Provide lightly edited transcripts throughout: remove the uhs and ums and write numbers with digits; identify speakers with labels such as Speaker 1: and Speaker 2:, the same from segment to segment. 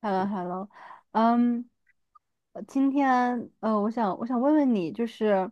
Speaker 1: Hello，Hello，嗯。今天,我想问问你，就是，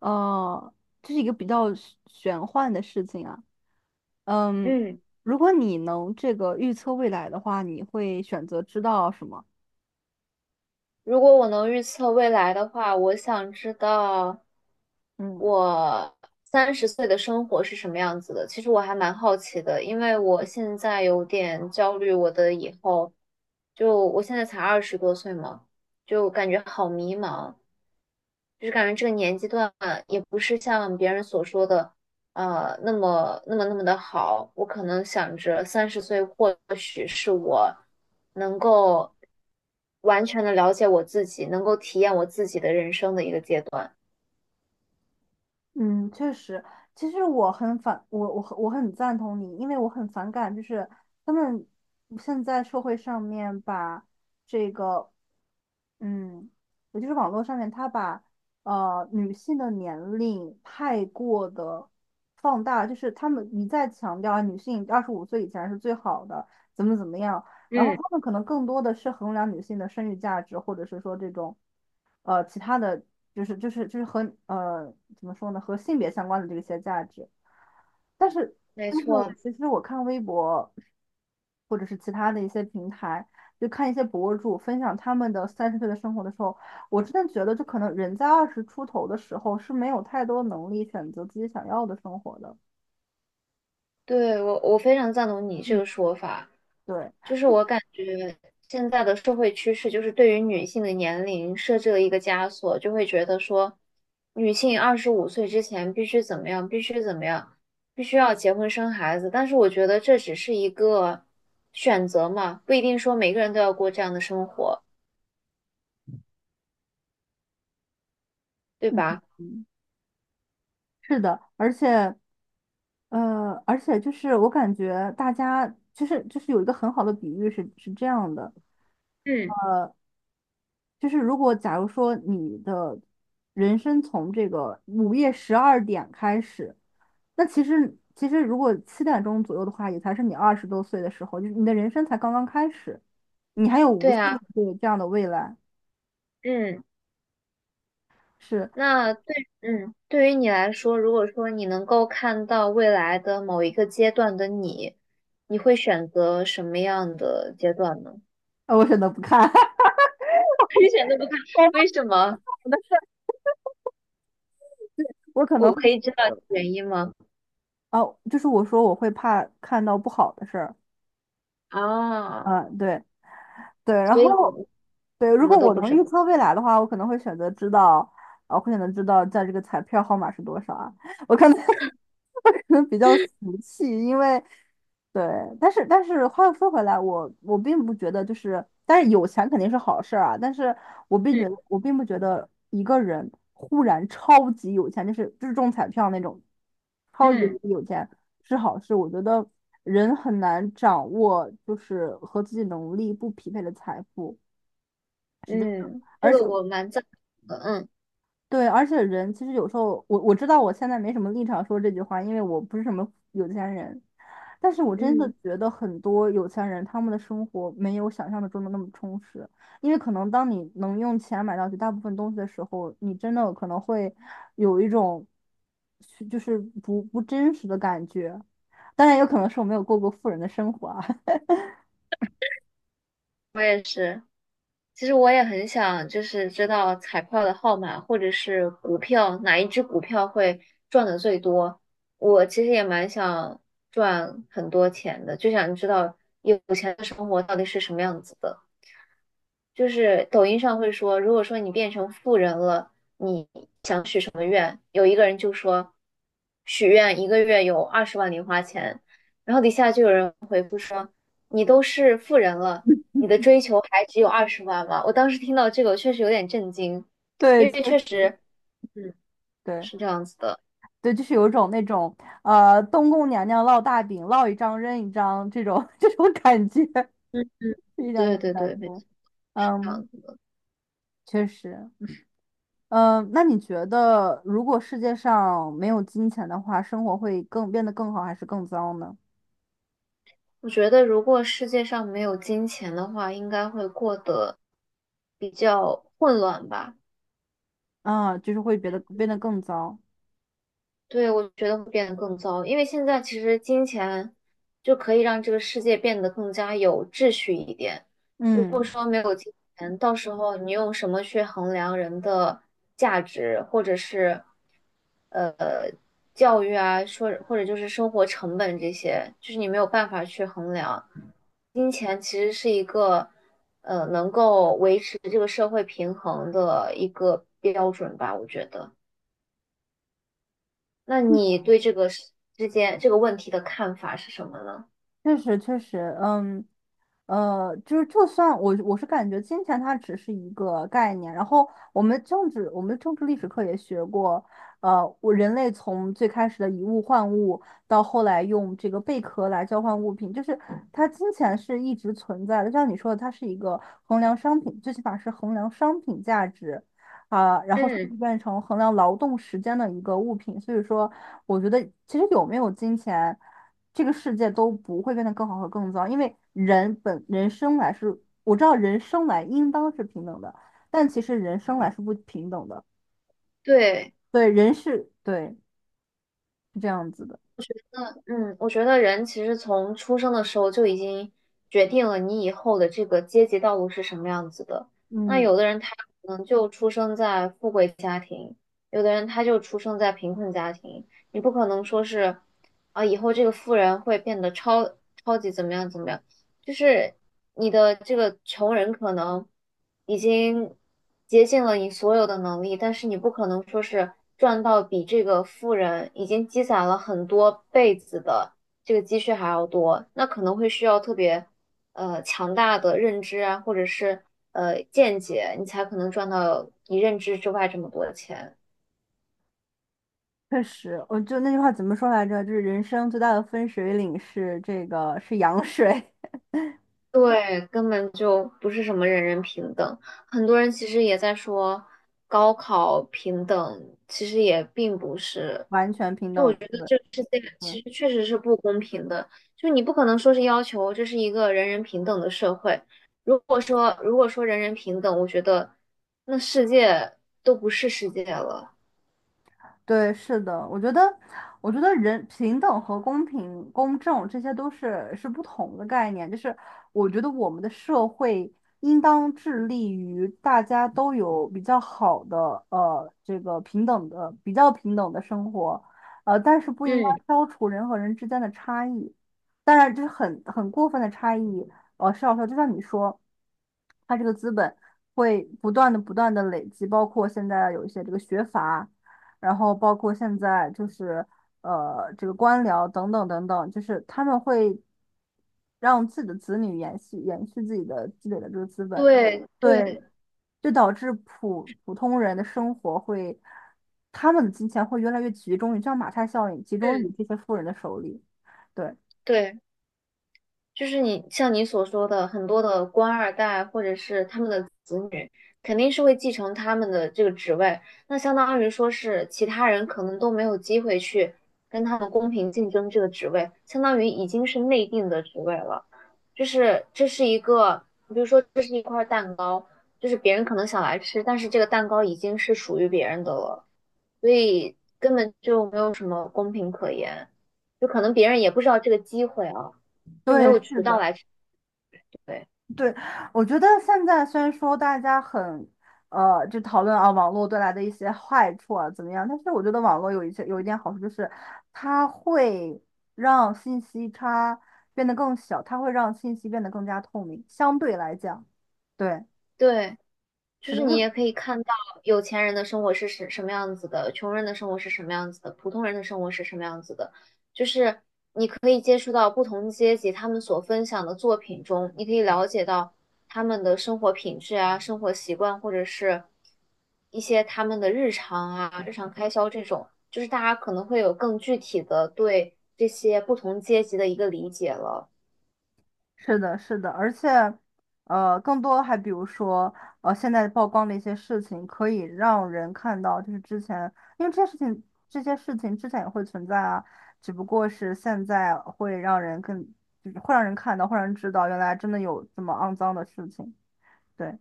Speaker 1: 呃，这是一个比较玄幻的事情啊。嗯。
Speaker 2: 嗯，
Speaker 1: 如果你能这个预测未来的话，你会选择知道什么？
Speaker 2: 如果我能预测未来的话，我想知道
Speaker 1: 嗯。
Speaker 2: 我三十岁的生活是什么样子的。其实我还蛮好奇的，因为我现在有点焦虑我的以后，就我现在才20多岁嘛，就感觉好迷茫。就是感觉这个年纪段也不是像别人所说的，那么那么那么的好。我可能想着三十岁或许是我能够完全的了解我自己，能够体验我自己的人生的一个阶段。
Speaker 1: 嗯，确实。其实我很赞同你，因为我很反感，就是他们现在社会上面把这个，嗯，也就是网络上面，他把女性的年龄太过的放大，就是他们一再强调啊女性25岁以前是最好的，怎么怎么样。然后
Speaker 2: 嗯，
Speaker 1: 他们可能更多的是衡量女性的生育价值，或者是说这种其他的就是和呃怎么说呢和性别相关的这些价值。但是
Speaker 2: 没
Speaker 1: 但是
Speaker 2: 错，
Speaker 1: 其实我看微博或者是其他的一些平台，就看一些博主分享他们的30岁的生活的时候，我真的觉得就可能人在20出头的时候是没有太多能力选择自己想要的生活的。
Speaker 2: 对，我非常赞同你这
Speaker 1: 嗯。
Speaker 2: 个说法。
Speaker 1: 对。
Speaker 2: 就是我感觉现在的社会趋势，就是对于女性的年龄设置了一个枷锁，就会觉得说，女性25岁之前必须怎么样，必须怎么样，必须要结婚生孩子。但是我觉得这只是一个选择嘛，不一定说每个人都要过这样的生活，对
Speaker 1: 嗯，
Speaker 2: 吧？
Speaker 1: 嗯，是的，而且，就是我感觉大家就是有一个很好的比喻是这样的。
Speaker 2: 嗯
Speaker 1: 就是如果假如说你的人生从这个午夜12点开始，那其实如果7点钟左右的话，也才是你20多岁的时候，就是你的人生才刚刚开始，你还有无
Speaker 2: 对
Speaker 1: 限
Speaker 2: 啊，
Speaker 1: 的这个这样的未来。
Speaker 2: 嗯，
Speaker 1: 是。
Speaker 2: 那对，嗯，对于你来说，如果说你能够看到未来的某一个阶段的你，你会选择什么样的阶段呢？
Speaker 1: 我选择不看。
Speaker 2: 一点都不看，
Speaker 1: 我
Speaker 2: 为什么？
Speaker 1: 怕的事儿，我可能
Speaker 2: 我
Speaker 1: 会。
Speaker 2: 可以知道原因吗？
Speaker 1: 哦，就是我说我会怕看到不好的事儿。
Speaker 2: 啊，
Speaker 1: 啊，对。对，然
Speaker 2: 所以
Speaker 1: 后
Speaker 2: 你
Speaker 1: 对，
Speaker 2: 什
Speaker 1: 如果
Speaker 2: 么都
Speaker 1: 我
Speaker 2: 不
Speaker 1: 能
Speaker 2: 知道。
Speaker 1: 预测未来的话，我可能会选择知道。啊，我会选择知道在这个彩票号码是多少啊。我可能 我可能比较 俗气，因为对。但是话又说回来，我并不觉得就是，但是有钱肯定是好事儿啊，但是我并觉得
Speaker 2: 嗯
Speaker 1: 我并不觉得一个人忽然超级有钱，就是中彩票那种超级
Speaker 2: 嗯
Speaker 1: 有钱，是好事。我觉得人很难掌握，就是和自己能力不匹配的财富。
Speaker 2: 嗯，这
Speaker 1: 而且
Speaker 2: 个我蛮赞同的。嗯
Speaker 1: 对，而且人其实有时候，我知道我现在没什么立场说这句话，因为我不是什么有钱人，但是我真的
Speaker 2: 嗯，
Speaker 1: 觉得很多有钱人他们的生活没有想象的中的那么充实，因为可能当你能用钱买到绝大部分东西的时候，你真的可能会有一种就是不真实的感觉。当然，有可能是我没有过过富人的生活啊。
Speaker 2: 我也是。其实我也很想，就是知道彩票的号码，或者是股票哪一只股票会赚的最多。我其实也蛮想赚很多钱的，就想知道有钱的生活到底是什么样子的。就是抖音上会说，如果说你变成富人了，你想许什么愿？有一个人就说，许愿一个月有二十万零花钱，然后底下就有人，你都是富人了，你的追求还只有二十万吗？我当时听到这个，我确实有点震惊，
Speaker 1: 对，
Speaker 2: 因为确实，嗯，
Speaker 1: 对
Speaker 2: 是这样子的，
Speaker 1: 对。就是有种那种东宫娘娘烙大饼，烙一张扔一张这种 这种感觉，
Speaker 2: 嗯，
Speaker 1: 一张
Speaker 2: 对
Speaker 1: 扔一
Speaker 2: 对
Speaker 1: 张
Speaker 2: 对，没
Speaker 1: 的。
Speaker 2: 错，是这
Speaker 1: 嗯，
Speaker 2: 样子的。
Speaker 1: 确实。嗯，那你觉得如果世界上没有金钱的话，生活会变得更好还是更糟呢？
Speaker 2: 我觉得如果世界上没有金钱的话，应该会过得比较混乱吧。
Speaker 1: 啊，就是会变得更糟。
Speaker 2: 对，我觉得会变得更糟，因为现在其实金钱就可以让这个世界变得更加有秩序一点。如果
Speaker 1: 嗯，
Speaker 2: 说没有金钱，到时候你用什么去衡量人的价值，或者是教育啊，说或者就是生活成本这些，就是你没有办法去衡量。金钱其实是一个能够维持这个社会平衡的一个标准吧，我觉得。那你对这个事之间这个问题的看法是什么呢？
Speaker 1: 确实确实。嗯，就是就算我是感觉金钱它只是一个概念，然后我们政治历史课也学过。人类从最开始的以物换物，到后来用这个贝壳来交换物品，就是它金钱是一直存在的，就像你说的，它是一个衡量商品，最起码是衡量商品价值。啊，然后现在
Speaker 2: 嗯，
Speaker 1: 变成衡量劳动时间的一个物品，所以说，我觉得其实有没有金钱，这个世界都不会变得更好和更糟，因为人生来是，我知道人生来应当是平等的，但其实人生来是不平等的。
Speaker 2: 对，
Speaker 1: 对，人是，对，是这样子的。
Speaker 2: 嗯，我觉得人其实从出生的时候就已经决定了你以后的这个阶级道路是什么样子的。那
Speaker 1: 嗯，
Speaker 2: 有的人他可能就出生在富贵家庭，有的人他就出生在贫困家庭。你不可能说是啊，以后这个富人会变得超级怎么样怎么样。就是你的这个穷人可能已经竭尽了你所有的能力，但是你不可能说是赚到比这个富人已经积攒了很多辈子的这个积蓄还要多，那可能会需要特别强大的认知啊，或者是见解，你才可能赚到你认知之外这么多钱。
Speaker 1: 确实，我就那句话怎么说来着？就是人生最大的分水岭是羊水。
Speaker 2: 对，根本就不是什么人人平等。很多人其实也在说高考平等，其实也并不是，
Speaker 1: 完全平等。对，
Speaker 2: 世界
Speaker 1: 嗯。
Speaker 2: 其实确实是不公平的。就你不可能说是要求这是一个人人平等的社会。如果说人人平等，我觉得那世界都不是世界了。
Speaker 1: 对，是的，我觉得，人平等和公平、公正这些都是不同的概念。就是我觉得我们的社会应当致力于大家都有比较好的这个平等的、比较平等的生活，但是不应该
Speaker 2: 嗯，
Speaker 1: 消除人和人之间的差异。当然，这是很过分的差异，是要说，就像你说，它这个资本会不断的、不断的累积，包括现在有一些这个学阀。然后包括现在就是这个官僚等等等等，就是他们会让自己的子女延续延续自己的积累的这个资本。
Speaker 2: 对对，
Speaker 1: 对。就导致普通人的生活会，他们的金钱会越来越集中于，就像马太效应，集中
Speaker 2: 嗯，
Speaker 1: 于这些富人的手里。对。
Speaker 2: 对。就是你像你所说的，很多的官二代或者是他们的子女，肯定是会继承他们的这个职位，那相当于说是其他人可能都没有机会去跟他们公平竞争这个职位，相当于已经是内定的职位了。就是这是一个，比如说这是一块蛋糕，就是别人可能想来吃，但是这个蛋糕已经是属于别人的了，所以根本就没有什么公平可言，就可能别人也不知道这个机会啊。就没
Speaker 1: 对，
Speaker 2: 有
Speaker 1: 是
Speaker 2: 渠道
Speaker 1: 的。
Speaker 2: 来吃对
Speaker 1: 对，我觉得现在虽然说大家很，就讨论啊网络带来的一些坏处啊怎么样，但是我觉得网络有一点好处，就是它会让信息差变得更小，它会让信息变得更加透明，相对来讲。对，
Speaker 2: 对，就
Speaker 1: 是
Speaker 2: 是
Speaker 1: 的，
Speaker 2: 你也可以看到有钱人的生活是什么样子的，穷人的生活是什么样子的，普通人的生活是什么样子的，就是可以接触到不同阶级他们所分享的作品中，你可以了解到他们的生活品质啊、生活习惯，或者是一些他们的日常啊、日常开销这种，就是大家可能会有更具体的对这些不同阶级的一个理解了。
Speaker 1: 是的，是的，而且，更多还比如说，现在曝光的一些事情，可以让人看到，就是之前，因为这些事情之前也会存在啊，只不过是现在会让人更，就是会让人看到，会让人知道，原来真的有这么肮脏的事情。对，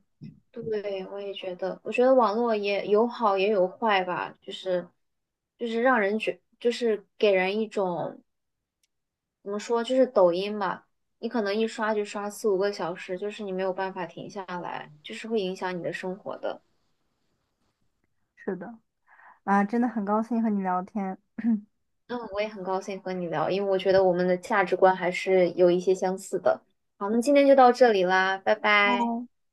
Speaker 2: 对，我也觉得，我觉得网络也有好也有坏吧，就是让人觉，就是给人一种怎么说，就是抖音嘛，你可能一刷就刷四五个小时，就是你没有办法停下来，就是会影响你的生活的。
Speaker 1: 是的，啊，真的很高兴和你聊天。
Speaker 2: 嗯，我也很高兴和你聊，因为我觉得我们的价值观还是有一些相似的。好，那今天就到这里啦，拜拜。